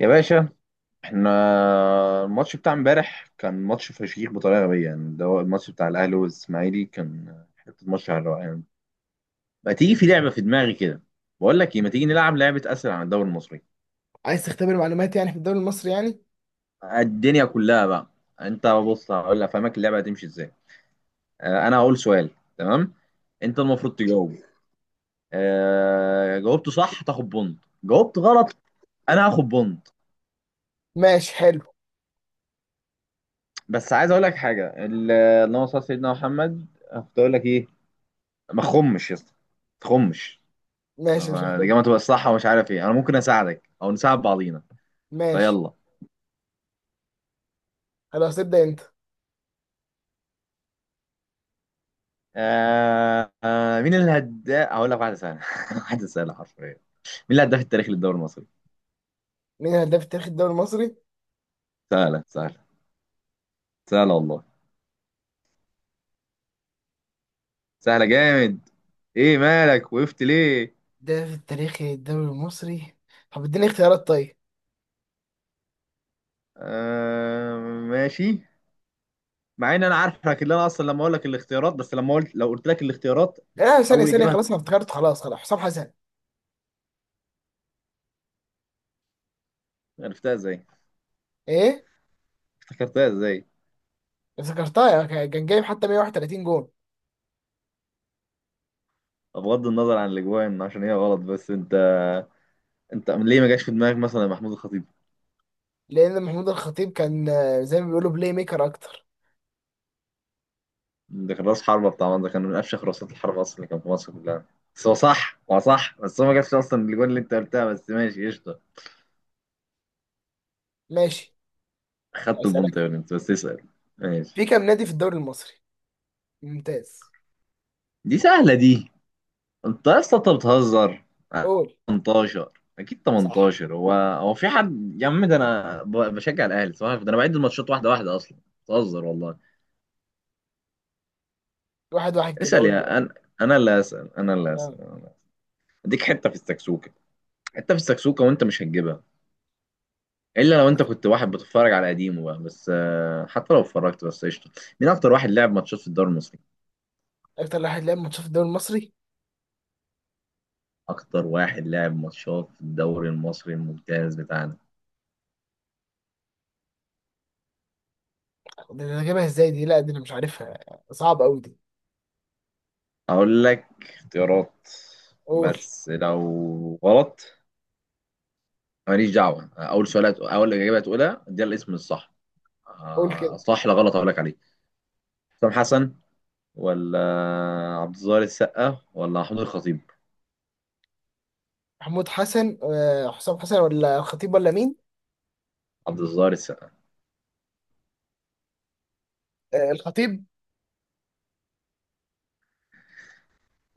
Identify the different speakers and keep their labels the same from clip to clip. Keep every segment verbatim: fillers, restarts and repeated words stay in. Speaker 1: يا باشا احنا الماتش بتاع امبارح كان ماتش فشيخ بطريقه غبيه، يعني ده هو الماتش بتاع الاهلي والاسماعيلي، كان حته ماتش على الروقان. ما تيجي في لعبه في دماغي كده، بقول لك ايه ما تيجي نلعب لعبه اسئله عن الدوري المصري؟
Speaker 2: عايز تختبر معلوماتي يعني في الدوري المصري يعني.
Speaker 1: الدنيا كلها بقى. انت بص هقول افهمك اللعبه هتمشي ازاي. اه، انا هقول سؤال، تمام، انت المفروض تجاوب. اه، جاوبت صح تاخد بونت، جاوبت غلط انا هاخد بونت.
Speaker 2: ماشي، حلو.
Speaker 1: بس عايز اقول لك حاجه. ال- اللهم صل على سيدنا محمد. كنت اقول لك ايه؟ ما تخمش يا اسطى ما تخمش.
Speaker 2: ماشي، مش هختبر.
Speaker 1: الإجابة تبقى الصح ومش عارف إيه، أنا ممكن أساعدك أو نساعد بعضينا.
Speaker 2: ماشي،
Speaker 1: فيلا.
Speaker 2: خلاص، ابدأ انت.
Speaker 1: آه آه مين الهداف؟ هقول لك واحدة سهلة. واحدة سهلة حرفيا. مين الهداف التاريخي للدوري المصري؟
Speaker 2: مين الهداف التاريخي الدوري المصري؟
Speaker 1: سهلة، سهلة، سهلة والله، سهلة جامد. إيه مالك وقفت ليه؟
Speaker 2: ده في التاريخ الدوري المصري. طب اديني اختيارات طيب؟
Speaker 1: آه، ماشي. مع إن أنا عارفك اللي أنا أصلا لما أقول لك الاختيارات، بس لما قلت لو قلت لك الاختيارات
Speaker 2: لا، ثانية
Speaker 1: أول
Speaker 2: ثانية،
Speaker 1: إجابة هت-
Speaker 2: خلاص انا افتكرت، خلاص خلاص، حسام حسن.
Speaker 1: عرفتها إزاي؟
Speaker 2: ايه،
Speaker 1: افتكرتها إزاي؟
Speaker 2: افتكرتها يعني، كان كان جايب حتى مية وواحد وثلاثين جون.
Speaker 1: بغض النظر عن الأجوان عشان هي غلط، بس أنت انت ليه ما جاش في دماغك مثلا محمود الخطيب؟
Speaker 2: لان محمود الخطيب كان آه، زي ما بيقولوا بلاي ميكر اكتر.
Speaker 1: ده كان راس حربة، بتاع ده كان من افشخ راسات الحربة اصلا اللي كان في مصر كلها، بس هو صح هو صح، بس هو ما جابش اصلا الجول اللي انت قلتها. بس ماشي قشطة،
Speaker 2: ماشي.
Speaker 1: خدت البنطة
Speaker 2: اسألك.
Speaker 1: يعني. انت بس اسأل. ماشي.
Speaker 2: في كام نادي في الدوري المصري؟ ممتاز.
Speaker 1: دي سهلة دي، انت يا اسطى انت بتهزر.
Speaker 2: قول.
Speaker 1: تمنتاشر. اكيد
Speaker 2: صح.
Speaker 1: تمنتاشر، هو هو في حد يا عم؟ ده انا ب- بشجع الاهلي، صح؟ ده انا بعد الماتشات واحدة واحدة اصلا. بتهزر والله.
Speaker 2: واحد واحد كده،
Speaker 1: اسأل
Speaker 2: قول.
Speaker 1: يا انا. انا اللي اسأل، انا اللي
Speaker 2: آه.
Speaker 1: اسأل، أنا اللي أسأل. اديك حتة في السكسوكة، حتة في السكسوكة وانت مش هتجيبها الا لو انت كنت واحد بتتفرج على قديمه بقى، بس آه، حتى لو اتفرجت، بس قشطه. مين اكتر واحد لعب ماتشات في الدوري المصري؟
Speaker 2: اكتر واحد لعب ماتشات في الدوري المصري.
Speaker 1: اكتر واحد لعب ماتشات في الدوري المصري الممتاز بتاعنا.
Speaker 2: دي انا جايبها ازاي دي؟ لا، دي انا مش عارفها. صعب قوي دي.
Speaker 1: اقول لك اختيارات؟
Speaker 2: قول.
Speaker 1: بس لو غلط ماليش دعوه، اول سؤال هت- اول اجابه هتقولها دي الاسم الصح.
Speaker 2: قول
Speaker 1: آه،
Speaker 2: كده.
Speaker 1: صح لا غلط اقول لك عليه. حسام حسن، ولا عبد الظاهر السقا، ولا محمود الخطيب؟
Speaker 2: محمود حسن آه، حسام حسن ولا الخطيب ولا مين؟
Speaker 1: عبد الظاهر السقا.
Speaker 2: آه، الخطيب.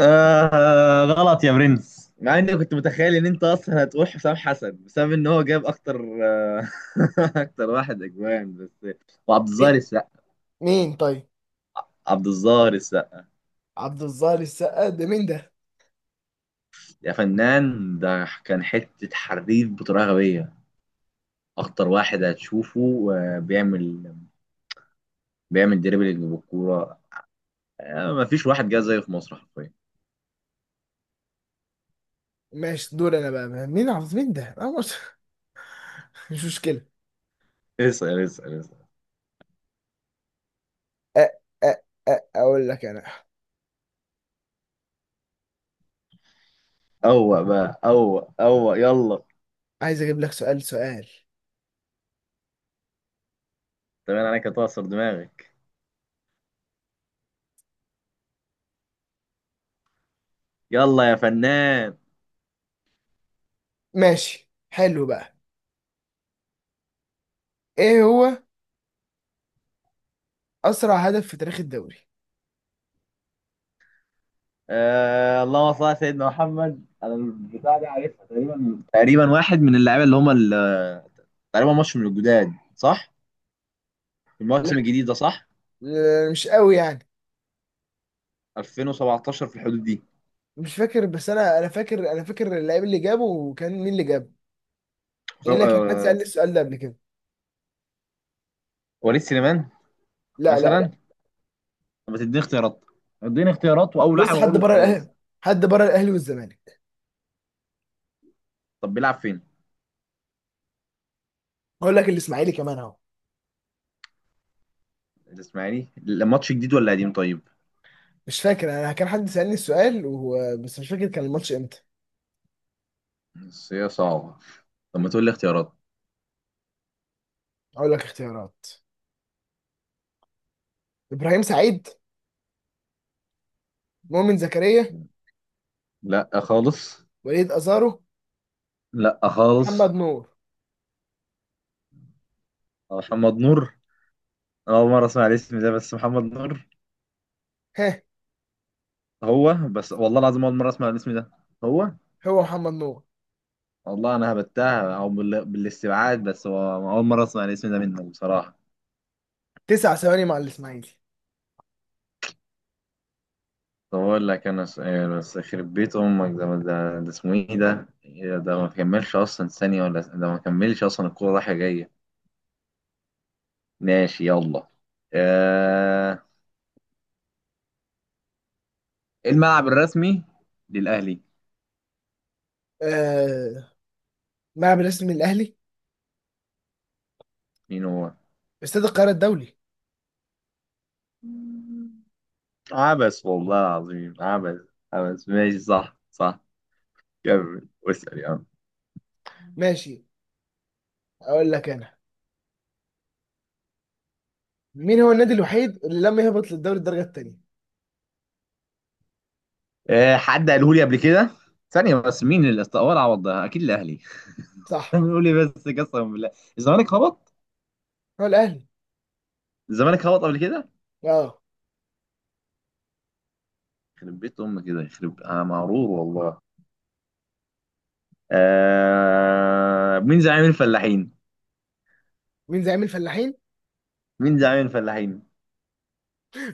Speaker 1: آه غلط يا برنس. مع اني كنت متخيل ان انت اصلا هتروح حسام حسن بسبب ان هو جاب اكتر. آه، اكتر واحد اجوان بس، وعبد الظاهر
Speaker 2: مي-
Speaker 1: السقا.
Speaker 2: مين طيب؟
Speaker 1: عبد الظاهر السقا
Speaker 2: عبد الظاهر السقا ده مين ده؟
Speaker 1: يا فنان، ده كان حته حريف بطريقه غبيه. اكتر واحد هتشوفه آه، بيعمل بيعمل دريبلينج بالكوره. آه، مفيش واحد جه زيه في مصر حرفيا.
Speaker 2: ماشي، دور انا بقى. مين عبد مين ده آه، مش مش مشكلة.
Speaker 1: اسال اسال اسال.
Speaker 2: آه، آه، آه، اقول لك انا.
Speaker 1: اوه بقى، اوه اوه، يلا.
Speaker 2: عايز اجيب لك سؤال سؤال
Speaker 1: تمام، انا أنا كنت هكسر دماغك. يلا يا فنان.
Speaker 2: ماشي، حلو بقى. ايه هو؟ اسرع هدف في تاريخ الدوري.
Speaker 1: آه اللهم صل على سيدنا محمد. انا البتاع دي عارفها تقريبا، تقريبا واحد من اللعيبه اللي هم ال- تقريبا ماتش من الجداد صح؟ في
Speaker 2: لا.
Speaker 1: الموسم الجديد ده صح؟
Speaker 2: لا، مش قوي يعني.
Speaker 1: الفين وسبعة عشر في الحدود دي.
Speaker 2: مش فاكر، بس انا انا فاكر، انا فاكر اللعيب اللي جابه، وكان مين اللي جابه.
Speaker 1: حسام-
Speaker 2: لان كان حد
Speaker 1: آه،
Speaker 2: سالني السؤال ده قبل كده.
Speaker 1: وليد سليمان
Speaker 2: لا، لا، لا.
Speaker 1: مثلا. طب ما تديني اختيارات؟ اديني اختيارات واول
Speaker 2: بص،
Speaker 1: لاعب
Speaker 2: حد
Speaker 1: اقوله
Speaker 2: بره الاهلي.
Speaker 1: خلاص.
Speaker 2: حد بره الاهلي والزمالك.
Speaker 1: طب بيلعب فين؟
Speaker 2: اقول لك الاسماعيلي كمان اهو.
Speaker 1: الاسماعيلي الماتش جديد ولا قديم طيب؟
Speaker 2: مش فاكر، انا كان حد سالني السؤال وهو، بس مش فاكر كان الماتش امتى.
Speaker 1: بس هي صعبه. طب ما تقول لي اختيارات.
Speaker 2: اقول لك اختيارات: ابراهيم سعيد، مؤمن زكريا،
Speaker 1: لا خالص.
Speaker 2: وليد ازارو،
Speaker 1: لا
Speaker 2: محمد
Speaker 1: خالص.
Speaker 2: نور.
Speaker 1: محمد نور؟ أنا أول مرة أسمع الاسم ده، بس محمد نور.
Speaker 2: ها.
Speaker 1: هو بس والله العظيم اول مره اسمع الاسم ده. هو،
Speaker 2: هو محمد نور.
Speaker 1: والله انا هبتها او بال... بالاستبعاد، بس هو اول مره اسمع الاسم ده منك بصراحه.
Speaker 2: تسع ثواني مع الاسماعيلي.
Speaker 1: طب اقول لك انا سؤال، بس يخرب بيت امك ده ده, ده اسمه ايه؟ ده إيه ده؟ ما كملش اصلا ثانيه، ولا ده ما كملش اصلا الكوره رايحه جايه. ماشي، يلا. آه، الملعب الرسمي للاهلي،
Speaker 2: آه. ملعب الرسمي الاهلي.
Speaker 1: مين هو؟
Speaker 2: استاد القاهره الدولي.
Speaker 1: عبس، والله العظيم عبس، عبس. ماشي، صح صح. كمل واسال يا عم.
Speaker 2: ماشي. اقول لك انا. مين هو النادي الوحيد اللي لم يهبط للدوري الدرجه الثانيه؟
Speaker 1: آه، حد قاله لي قبل كده. ثانية بس، مين اللي استقبل عوض ده؟ أكيد الأهلي.
Speaker 2: صح،
Speaker 1: بنقول لي، بس قسما بالله الزمالك هبط؟
Speaker 2: هو الاهلي.
Speaker 1: الزمالك هبط قبل كده؟
Speaker 2: اه.
Speaker 1: يخرب بيت أمك، كده يخرب، أنا مغرور والله. آه... مين زعيم الفلاحين؟
Speaker 2: مين زعيم الفلاحين؟
Speaker 1: مين زعيم الفلاحين؟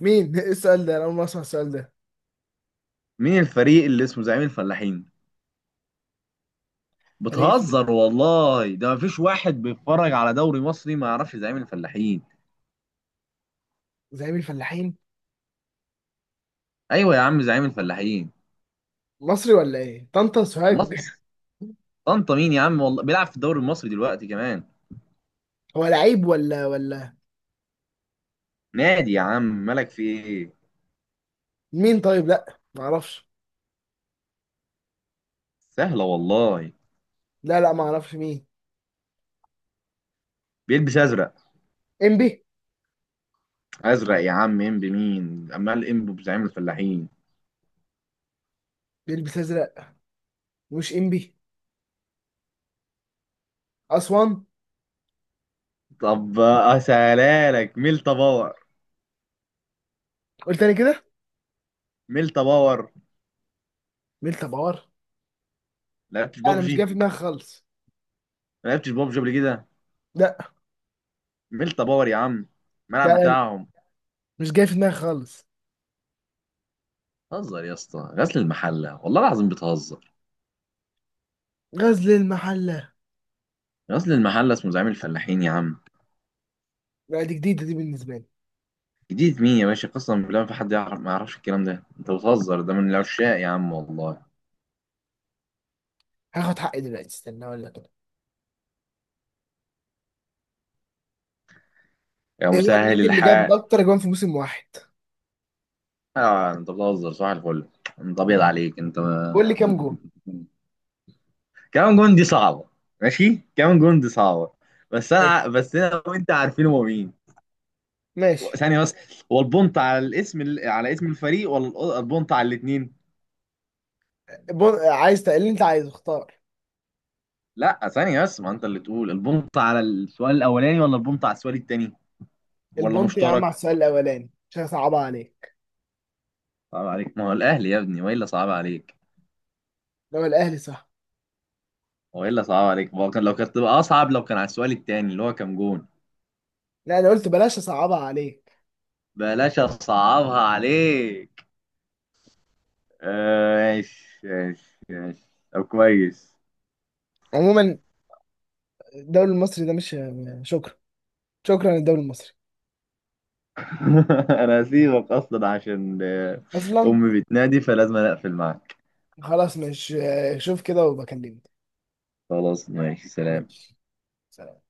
Speaker 2: مين؟ ايه السؤال ده، انا اول مره اسمع السؤال ده.
Speaker 1: مين الفريق اللي اسمه زعيم الفلاحين؟
Speaker 2: فريق اسمه
Speaker 1: بتهزر والله، ده مفيش واحد بيتفرج على دوري مصري ما يعرفش زعيم الفلاحين.
Speaker 2: زعيم الفلاحين؟
Speaker 1: أيوه يا عم، زعيم الفلاحين.
Speaker 2: مصري ولا ايه، طنطا سوهاج؟
Speaker 1: مصر. طنطا مين يا عم؟ والله بيلعب في الدوري المصري دلوقتي كمان.
Speaker 2: هو لعيب ولا ولا؟
Speaker 1: نادي يا عم، مالك في إيه؟
Speaker 2: مين طيب؟ لا، ما اعرفش.
Speaker 1: سهلة والله.
Speaker 2: لا، لا، ما اعرفش مين.
Speaker 1: بيلبس أزرق.
Speaker 2: امبي.
Speaker 1: أزرق يا عم، إم بمين؟ عمال إم بزعيم الفلاحين.
Speaker 2: بيلبس ازرق. مش امبي، اسوان.
Speaker 1: طب أسهلها لك، ميلتا باور.
Speaker 2: قلت تاني كده؟
Speaker 1: ميلتا باور.
Speaker 2: ميلتا بار.
Speaker 1: لعبتش
Speaker 2: لا، انا مش جاي
Speaker 1: بابجي؟
Speaker 2: في دماغي خالص.
Speaker 1: ما لعبتش بابجي قبل كده؟
Speaker 2: لا.
Speaker 1: ميلتا باور يا عم، الملعب
Speaker 2: لا،
Speaker 1: بتاعهم.
Speaker 2: مش جاي في دماغي خالص.
Speaker 1: بتهزر يا اسطى، غزل المحلة والله العظيم، بتهزر.
Speaker 2: غزل المحله.
Speaker 1: غزل المحلة اسمه زعيم الفلاحين يا عم.
Speaker 2: لا، دي جديده دي بالنسبه لي.
Speaker 1: جديد مين يا باشا؟ قسما بالله ما في حد يعرف ما يعرفش الكلام ده، انت بتهزر، ده من العشاق يا عم والله.
Speaker 2: هاخد حقي دلوقتي، استنى اقول لك.
Speaker 1: يا
Speaker 2: ايه هو
Speaker 1: مسهل
Speaker 2: النادي اللي جاب
Speaker 1: الحال.
Speaker 2: اكتر جوان في موسم واحد؟
Speaker 1: آه انت بتهزر، صباح الفل، انت ابيض عليك انت.
Speaker 2: قول لي كام
Speaker 1: انت
Speaker 2: جون.
Speaker 1: كمان جون دي صعبه، ماشي كمان جون دي صعبه، بس انا
Speaker 2: ماشي.
Speaker 1: ع- بس انا وانت عارفين هو مين.
Speaker 2: ماشي.
Speaker 1: ثانيه بس، هو البونت على الاسم ال- على اسم الفريق، ولا الأ- البونت على الاثنين؟
Speaker 2: بون... عايز تقل اللي انت عايزه اختار.
Speaker 1: لا ثانيه بس، ما انت اللي تقول البونت على السؤال الاولاني ولا البونت على السؤال الثاني ولا
Speaker 2: البونت يا عم على
Speaker 1: مشترك.
Speaker 2: السؤال الاولاني، مش هصعبها عليك.
Speaker 1: صعب عليك؟ ما هو الاهلي يا ابني، والا صعب عليك؟
Speaker 2: لو الاهلي صح.
Speaker 1: والا صعب عليك؟ ما هو كان، لو كانت تبقى اصعب لو كان على السؤال الثاني اللي هو كام جون.
Speaker 2: لا، انا قلت بلاش اصعبها عليك.
Speaker 1: بلاش اصعبها عليك. آه، ماشي ماشي ماشي. طب كويس.
Speaker 2: عموما، الدوري المصري ده مش، شكرا، شكرا للدوري المصري.
Speaker 1: انا هسيبك اصلا عشان آه،
Speaker 2: اصلا.
Speaker 1: امي بتنادي، فلازم أنا اقفل معاك.
Speaker 2: خلاص، مش، شوف كده وبكلمك.
Speaker 1: خلاص ماشي، سلام.
Speaker 2: ماشي. سلام.